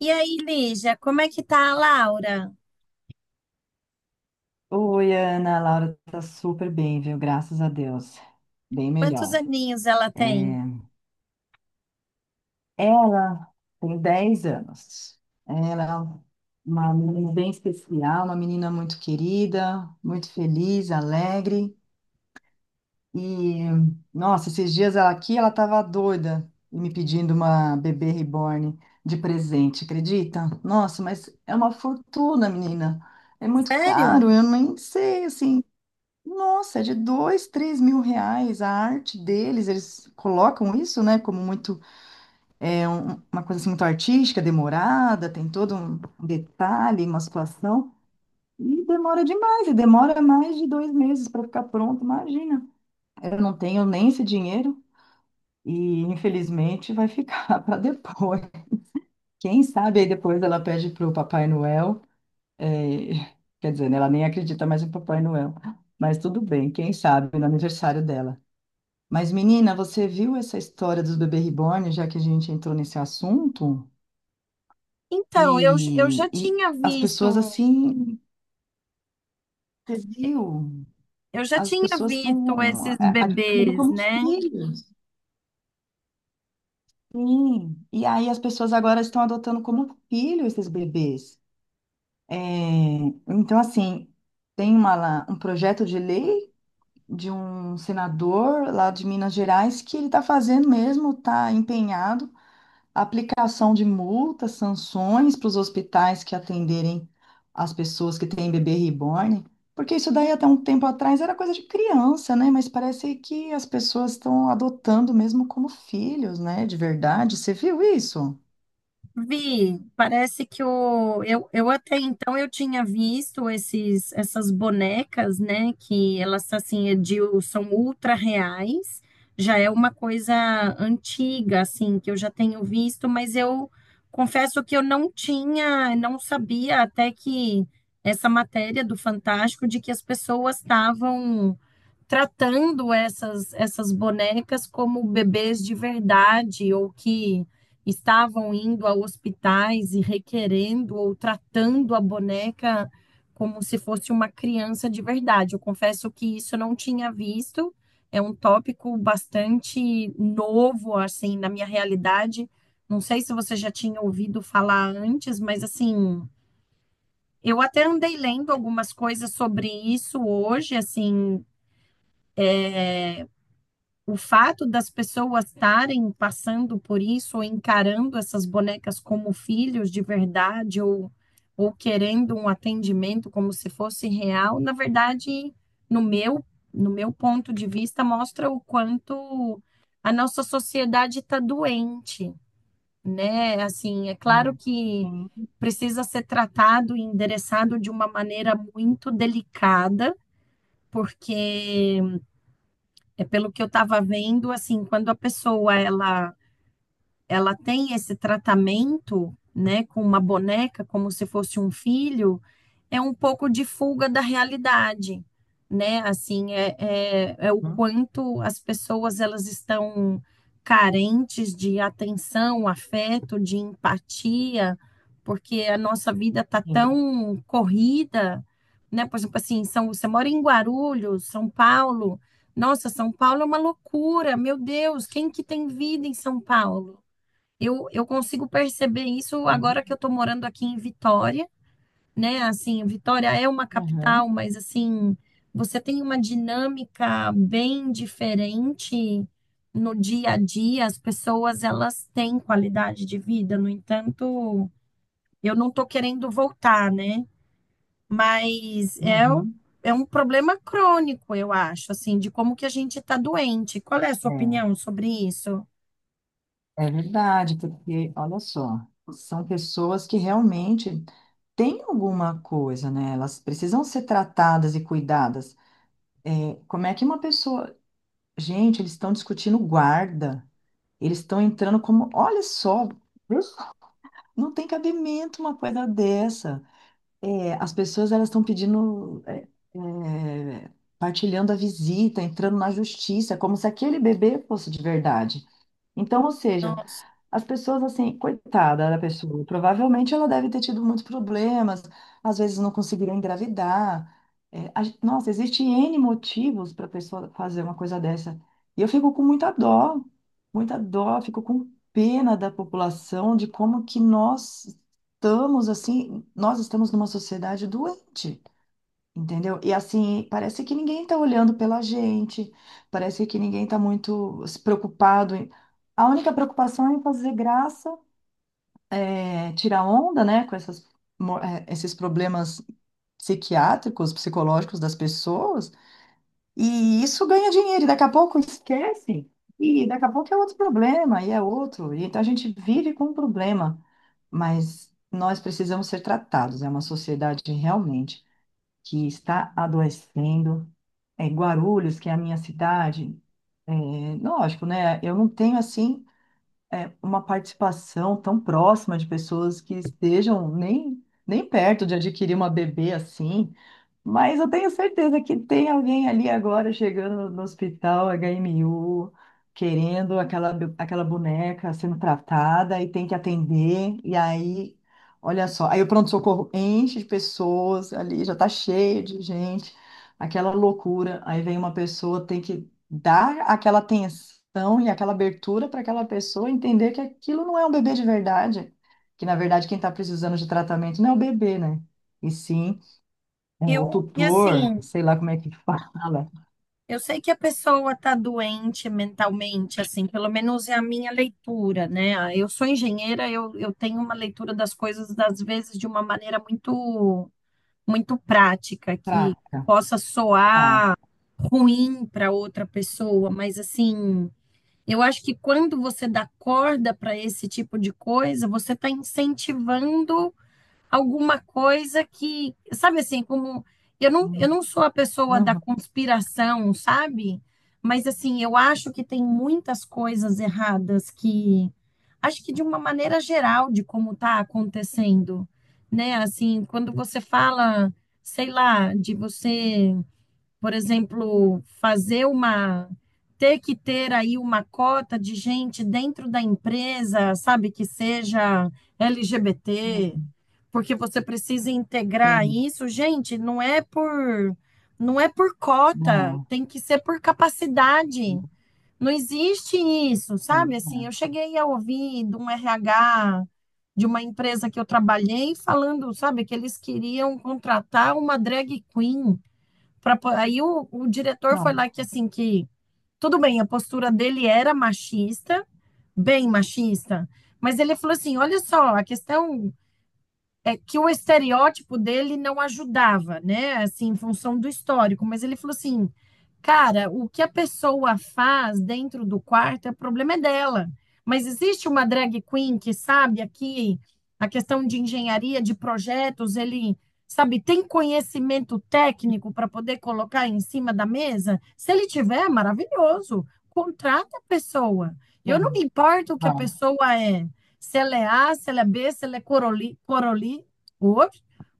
E aí, Lígia, como é que tá a Laura? Oi, Ana, a Laura tá super bem, viu? Graças a Deus. Bem Quantos melhor. aninhos ela tem? É, Ela tem 10 anos. Ela é uma menina bem especial, uma menina muito querida, muito feliz, alegre. E, Nossa, esses dias ela aqui, ela tava doida e me pedindo uma bebê reborn de presente, acredita? Nossa, mas é uma fortuna, menina. É muito Sério? caro, eu nem sei, assim. Nossa, é de dois, três mil reais a arte deles, eles colocam isso, né, como muito, uma coisa assim, muito artística, demorada, tem todo um detalhe, uma situação, e demora demais, e demora mais de 2 meses para ficar pronto, imagina. Eu não tenho nem esse dinheiro, e infelizmente vai ficar para depois. Quem sabe aí depois ela pede para o Papai Noel, é, quer dizer, né, ela nem acredita mais em Papai Noel, mas tudo bem, quem sabe no aniversário dela. Mas, menina, você viu essa história dos bebês reborn, já que a gente entrou nesse assunto? Então, eu já E, e tinha as pessoas visto, assim, você viu? eu já As tinha pessoas visto estão esses adquirindo bebês, como né? filhos. Sim. E aí as pessoas agora estão adotando como filho esses bebês. É, então, assim, tem uma, um projeto de lei de um senador lá de Minas Gerais que ele está fazendo mesmo, está empenhado. Aplicação de multas, sanções para os hospitais que atenderem as pessoas que têm bebê reborn, porque isso daí até um tempo atrás era coisa de criança, né? Mas parece que as pessoas estão adotando mesmo como filhos, né? De verdade. Você viu isso? Vi, parece que o, eu até então eu tinha visto essas bonecas, né? Que elas assim são ultra reais. Já é uma coisa antiga, assim, que eu já tenho visto, mas eu confesso que eu não tinha, não sabia até que essa matéria do Fantástico de que as pessoas estavam tratando essas bonecas como bebês de verdade ou que estavam indo a hospitais e requerendo ou tratando a boneca como se fosse uma criança de verdade. Eu confesso que isso eu não tinha visto. É um tópico bastante novo assim na minha realidade. Não sei se você já tinha ouvido falar antes, mas assim, eu até andei lendo algumas coisas sobre isso hoje, assim, o fato das pessoas estarem passando por isso, ou encarando essas bonecas como filhos de verdade, ou querendo um atendimento como se fosse real, na verdade, no meu, no meu ponto de vista, mostra o quanto a nossa sociedade está doente, né? Assim, é claro Não. que Sim, precisa ser tratado e endereçado de uma maneira muito delicada, porque é pelo que eu estava vendo, assim, quando a pessoa ela tem esse tratamento, né, com uma boneca como se fosse um filho, é um pouco de fuga da realidade, né? Assim, é o sim, quanto as pessoas elas estão carentes de atenção, afeto, de empatia, porque a nossa vida tá sim. tão corrida, né? Por exemplo, assim, são, você mora em Guarulhos, São Paulo. Nossa, São Paulo é uma loucura. Meu Deus, quem que tem vida em São Paulo? Eu consigo perceber isso É, agora que eu estou morando aqui em Vitória, né? Assim, Vitória é uma aham, capital, mas assim, você tem uma dinâmica bem diferente no dia a dia. As pessoas, elas têm qualidade de vida. No entanto, eu não estou querendo voltar, né? Mas uhum, é um problema crônico, eu acho, assim, de como que a gente está doente. Qual é a sua opinião sobre isso? é, é verdade, porque olha só, são pessoas que realmente têm alguma coisa, né? Elas precisam ser tratadas e cuidadas. Como é que uma pessoa. Gente, eles estão discutindo guarda. Eles estão entrando como. Olha só, isso. Não tem cabimento uma coisa dessa. É, as pessoas elas estão pedindo. É, Partilhando a visita, entrando na justiça, como se aquele bebê fosse de verdade. Então, ou seja, Nossa. as pessoas, assim, coitada da pessoa, provavelmente ela deve ter tido muitos problemas, às vezes não conseguiram engravidar. É, nossa, existe N motivos para a pessoa fazer uma coisa dessa. E eu fico com muita dó, fico com pena da população, de como que nós estamos, assim, nós estamos numa sociedade doente. Entendeu? E assim, parece que ninguém tá olhando pela gente, parece que ninguém tá muito se preocupado. A única preocupação é em fazer graça, é, tirar onda, né, com essas, esses problemas psiquiátricos, psicológicos das pessoas, e isso ganha dinheiro, e daqui a pouco esquece, e daqui a pouco é outro problema, e é outro, e então a gente vive com um problema, mas nós precisamos ser tratados, é uma sociedade realmente que está adoecendo. É, Guarulhos, que é a minha cidade, é, lógico, né? Eu não tenho assim uma participação tão próxima de pessoas que estejam nem perto de adquirir uma bebê assim. Mas eu tenho certeza que tem alguém ali agora chegando no hospital HMU, querendo aquela, aquela boneca sendo tratada e tem que atender. E aí, olha só, aí o pronto-socorro enche de pessoas ali, já tá cheio de gente, aquela loucura. Aí vem uma pessoa, tem que dar aquela atenção e aquela abertura para aquela pessoa entender que aquilo não é um bebê de verdade, que na verdade quem está precisando de tratamento não é o bebê, né? E sim. É, o Eu, e tutor, assim, sei lá como é que fala, eu sei que a pessoa está doente mentalmente, assim, pelo menos é a minha leitura, né? Eu sou engenheira, eu tenho uma leitura das coisas, às vezes, de uma maneira muito, muito prática, que trata. possa Tá. soar ruim para outra pessoa, mas, assim, eu acho que quando você dá corda para esse tipo de coisa, você está incentivando alguma coisa que, sabe assim, como eu Hum, não sou a pessoa da uhum, conspiração, sabe? Mas assim, eu acho que tem muitas coisas erradas que acho que de uma maneira geral de como está acontecendo, né? Assim, quando você fala, sei lá, de você por exemplo, fazer uma ter que ter aí uma cota de gente dentro da empresa, sabe, que seja LGBT, sim, porque você precisa integrar sim, isso. Gente, não é por cota, não, tem que ser por capacidade. Não existe isso, também sabe? Assim, acho. eu cheguei a ouvir de um RH de uma empresa que eu trabalhei falando, sabe, que eles queriam contratar uma drag queen aí o diretor foi Não, lá que assim que tudo bem, a postura dele era machista, bem machista, mas ele falou assim: olha só, a questão é que o estereótipo dele não ajudava, né? Assim, em função do histórico, mas ele falou assim: "Cara, o que a pessoa faz dentro do quarto, o problema é dela. Mas existe uma drag queen que sabe aqui a questão de engenharia, de projetos, ele sabe, tem conhecimento técnico para poder colocar em cima da mesa? Se ele tiver, maravilhoso. Contrata a pessoa. Eu não me sim, importo o que a vai. pessoa é, se ela é A, se ela é B, se ela é cor,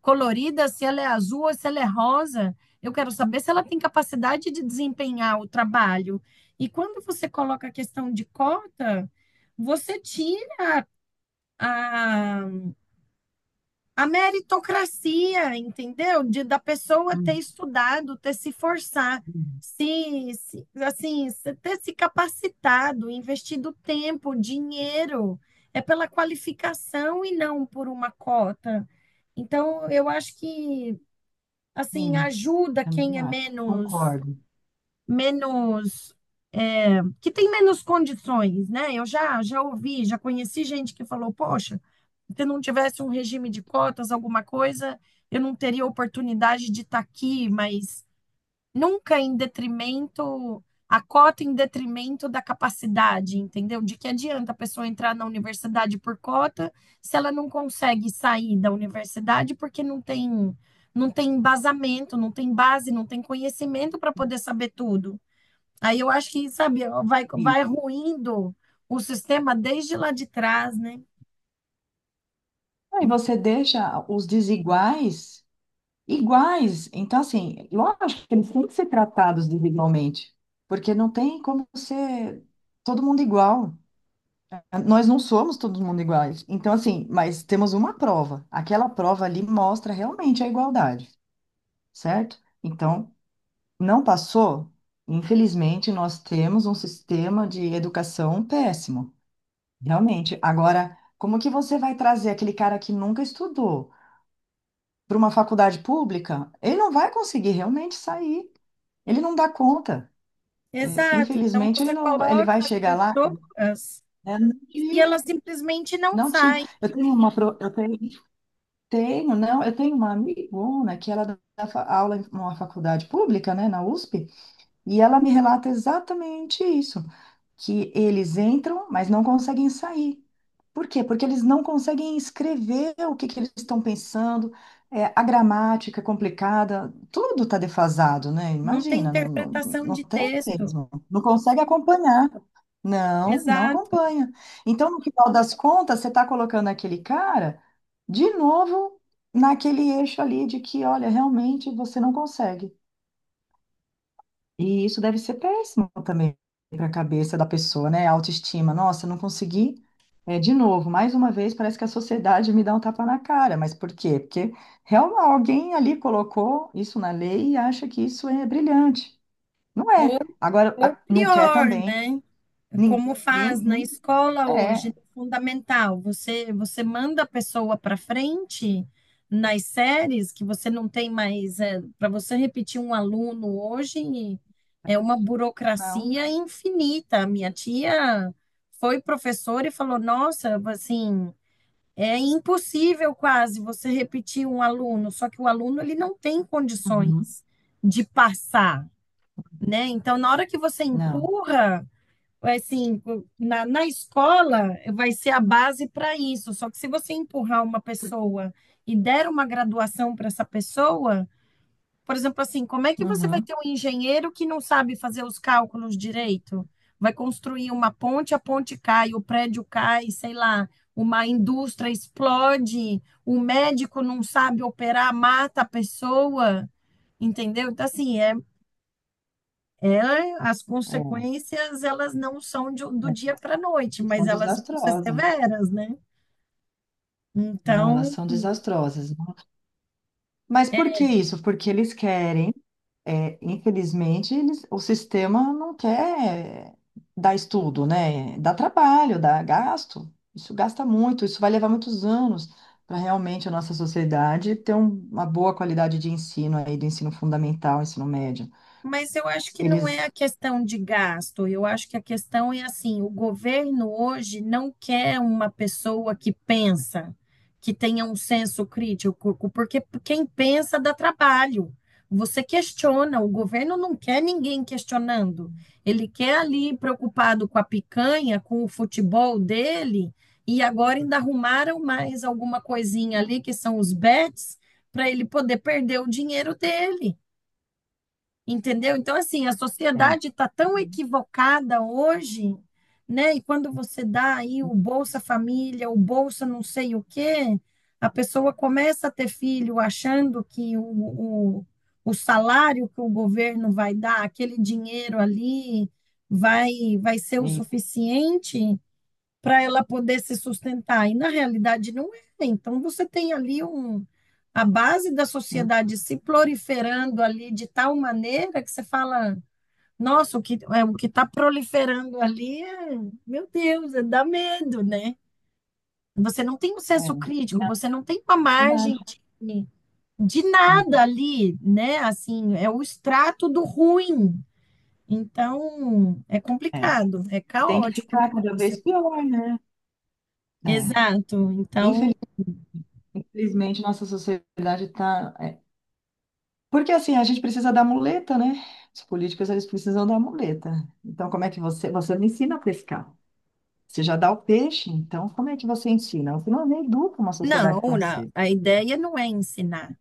colorida, se ela é azul ou se ela é rosa. Eu quero saber se ela tem capacidade de desempenhar o trabalho. E quando você coloca a questão de cota, você tira a a meritocracia, entendeu? De, da pessoa ter Hum, estudado, ter se forçar, hum, assim, ter se capacitado, investido tempo, dinheiro, é pela qualificação e não por uma cota. Então, eu acho que assim sim, ajuda também quem é acho. menos Concordo. menos é, que tem menos condições, né? Eu já ouvi, já conheci gente que falou, poxa, se eu não tivesse um regime de cotas, alguma coisa, eu não teria oportunidade de estar aqui, mas nunca em detrimento, a cota em detrimento da capacidade, entendeu? De que adianta a pessoa entrar na universidade por cota se ela não consegue sair da universidade porque não tem, não tem embasamento, não tem base, não tem conhecimento para poder saber tudo. Aí eu acho que, sabe, E vai ruindo o sistema desde lá de trás, né? aí você deixa os desiguais iguais. Então, assim, lógico que eles têm que ser tratados desigualmente, porque não tem como ser todo mundo igual. Nós não somos todo mundo iguais. Então, assim, mas temos uma prova. Aquela prova ali mostra realmente a igualdade, certo? Então, não passou? Infelizmente, nós temos um sistema de educação péssimo, realmente. Agora, como que você vai trazer aquele cara que nunca estudou para uma faculdade pública? Ele não vai conseguir realmente sair. Ele não dá conta. É, Exato. Então infelizmente, ele você não, ele coloca vai as chegar lá, pessoas né? Não e tinha, elas simplesmente não não tinha. saem, Eu tenho uma, eu tenho. Tenho, não, eu tenho uma amigona que ela dá aula em uma faculdade pública, né, na USP, e ela me relata exatamente isso, que eles entram, mas não conseguem sair. Por quê? Porque eles não conseguem escrever o que que eles estão pensando, é, a gramática é complicada, tudo está defasado, né? não tem Imagina, interpretação não de tem texto. mesmo, não consegue acompanhar. Não, não Exato. acompanha. Então, no final das contas, você está colocando aquele cara de novo naquele eixo ali de que, olha, realmente você não consegue. E isso deve ser péssimo também para a cabeça da pessoa, né? A autoestima. Nossa, eu não consegui. É, de novo, mais uma vez, parece que a sociedade me dá um tapa na cara. Mas por quê? Porque realmente alguém ali colocou isso na lei e acha que isso é brilhante. Não Ou, é. Agora, ou não quer pior, também. né? Como faz Ninguém. na nem- escola É. hoje, é fundamental. Você manda a pessoa para frente nas séries, que você não tem mais. É, para você repetir um aluno hoje, é uma Não. burocracia infinita. A minha tia foi professora e falou: Nossa, assim. É impossível quase você repetir um aluno, só que o aluno ele não tem condições Uhum. de passar, né? Então, na hora que você Não. empurra, é, assim, na escola vai ser a base para isso. Só que se você empurrar uma pessoa e der uma graduação para essa pessoa, por exemplo, assim, como é que você vai Uhum. ter um engenheiro que não sabe fazer os cálculos direito? Vai construir uma ponte, a ponte cai, o prédio cai, sei lá, uma indústria explode, o médico não sabe operar, mata a pessoa, entendeu? Então, assim, é, as consequências, elas não são do É. É. dia para a noite, mas São elas vão ser desastrosas. severas, né? Não, elas Então, são desastrosas. Mas por que isso? Porque eles querem. É, infelizmente, eles, o sistema não quer dar estudo, né? Dá trabalho, dá gasto. Isso gasta muito, isso vai levar muitos anos para realmente a nossa sociedade ter uma boa qualidade de ensino aí, do ensino fundamental, ensino médio. mas eu acho que não é Eles. a questão de gasto, eu acho que a questão é assim: o governo hoje não quer uma pessoa que pensa, que tenha um senso crítico, porque quem pensa dá trabalho. Você questiona, o governo não quer ninguém questionando. Ele quer ali preocupado com a picanha, com o futebol dele, e agora ainda arrumaram mais alguma coisinha ali, que são os bets, para ele poder perder o dinheiro dele. Entendeu? Então, assim, a sociedade está tão equivocada hoje, né? E quando você dá aí o Bolsa Família, o Bolsa não sei o quê, a pessoa começa a ter filho achando que o, o salário que o governo vai dar, aquele dinheiro ali, vai, vai ser o e- suficiente, para ela poder se sustentar. E na realidade não é. Né? Então você tem ali um, a base da hum, sociedade se proliferando ali de tal maneira que você fala, nossa, o que é, o que está proliferando ali é, meu Deus, é, dá medo, né? Você não tem um é, senso crítico, na você não tem uma verdade. margem de, de nada Hum, ali, né? Assim, é o extrato do ruim. Então, é é. complicado, é Tem que caótico o ficar cada negócio. vez pior, né? É. Exato. Então, Infeliz- Infelizmente, nossa sociedade está. Porque assim, a gente precisa da muleta, né? Os políticos, eles precisam da muleta. Então, como é que você, você não ensina a pescar? Você já dá o peixe, então como é que você ensina? Você não educa uma sociedade não, tão cedo. a ideia não é ensinar.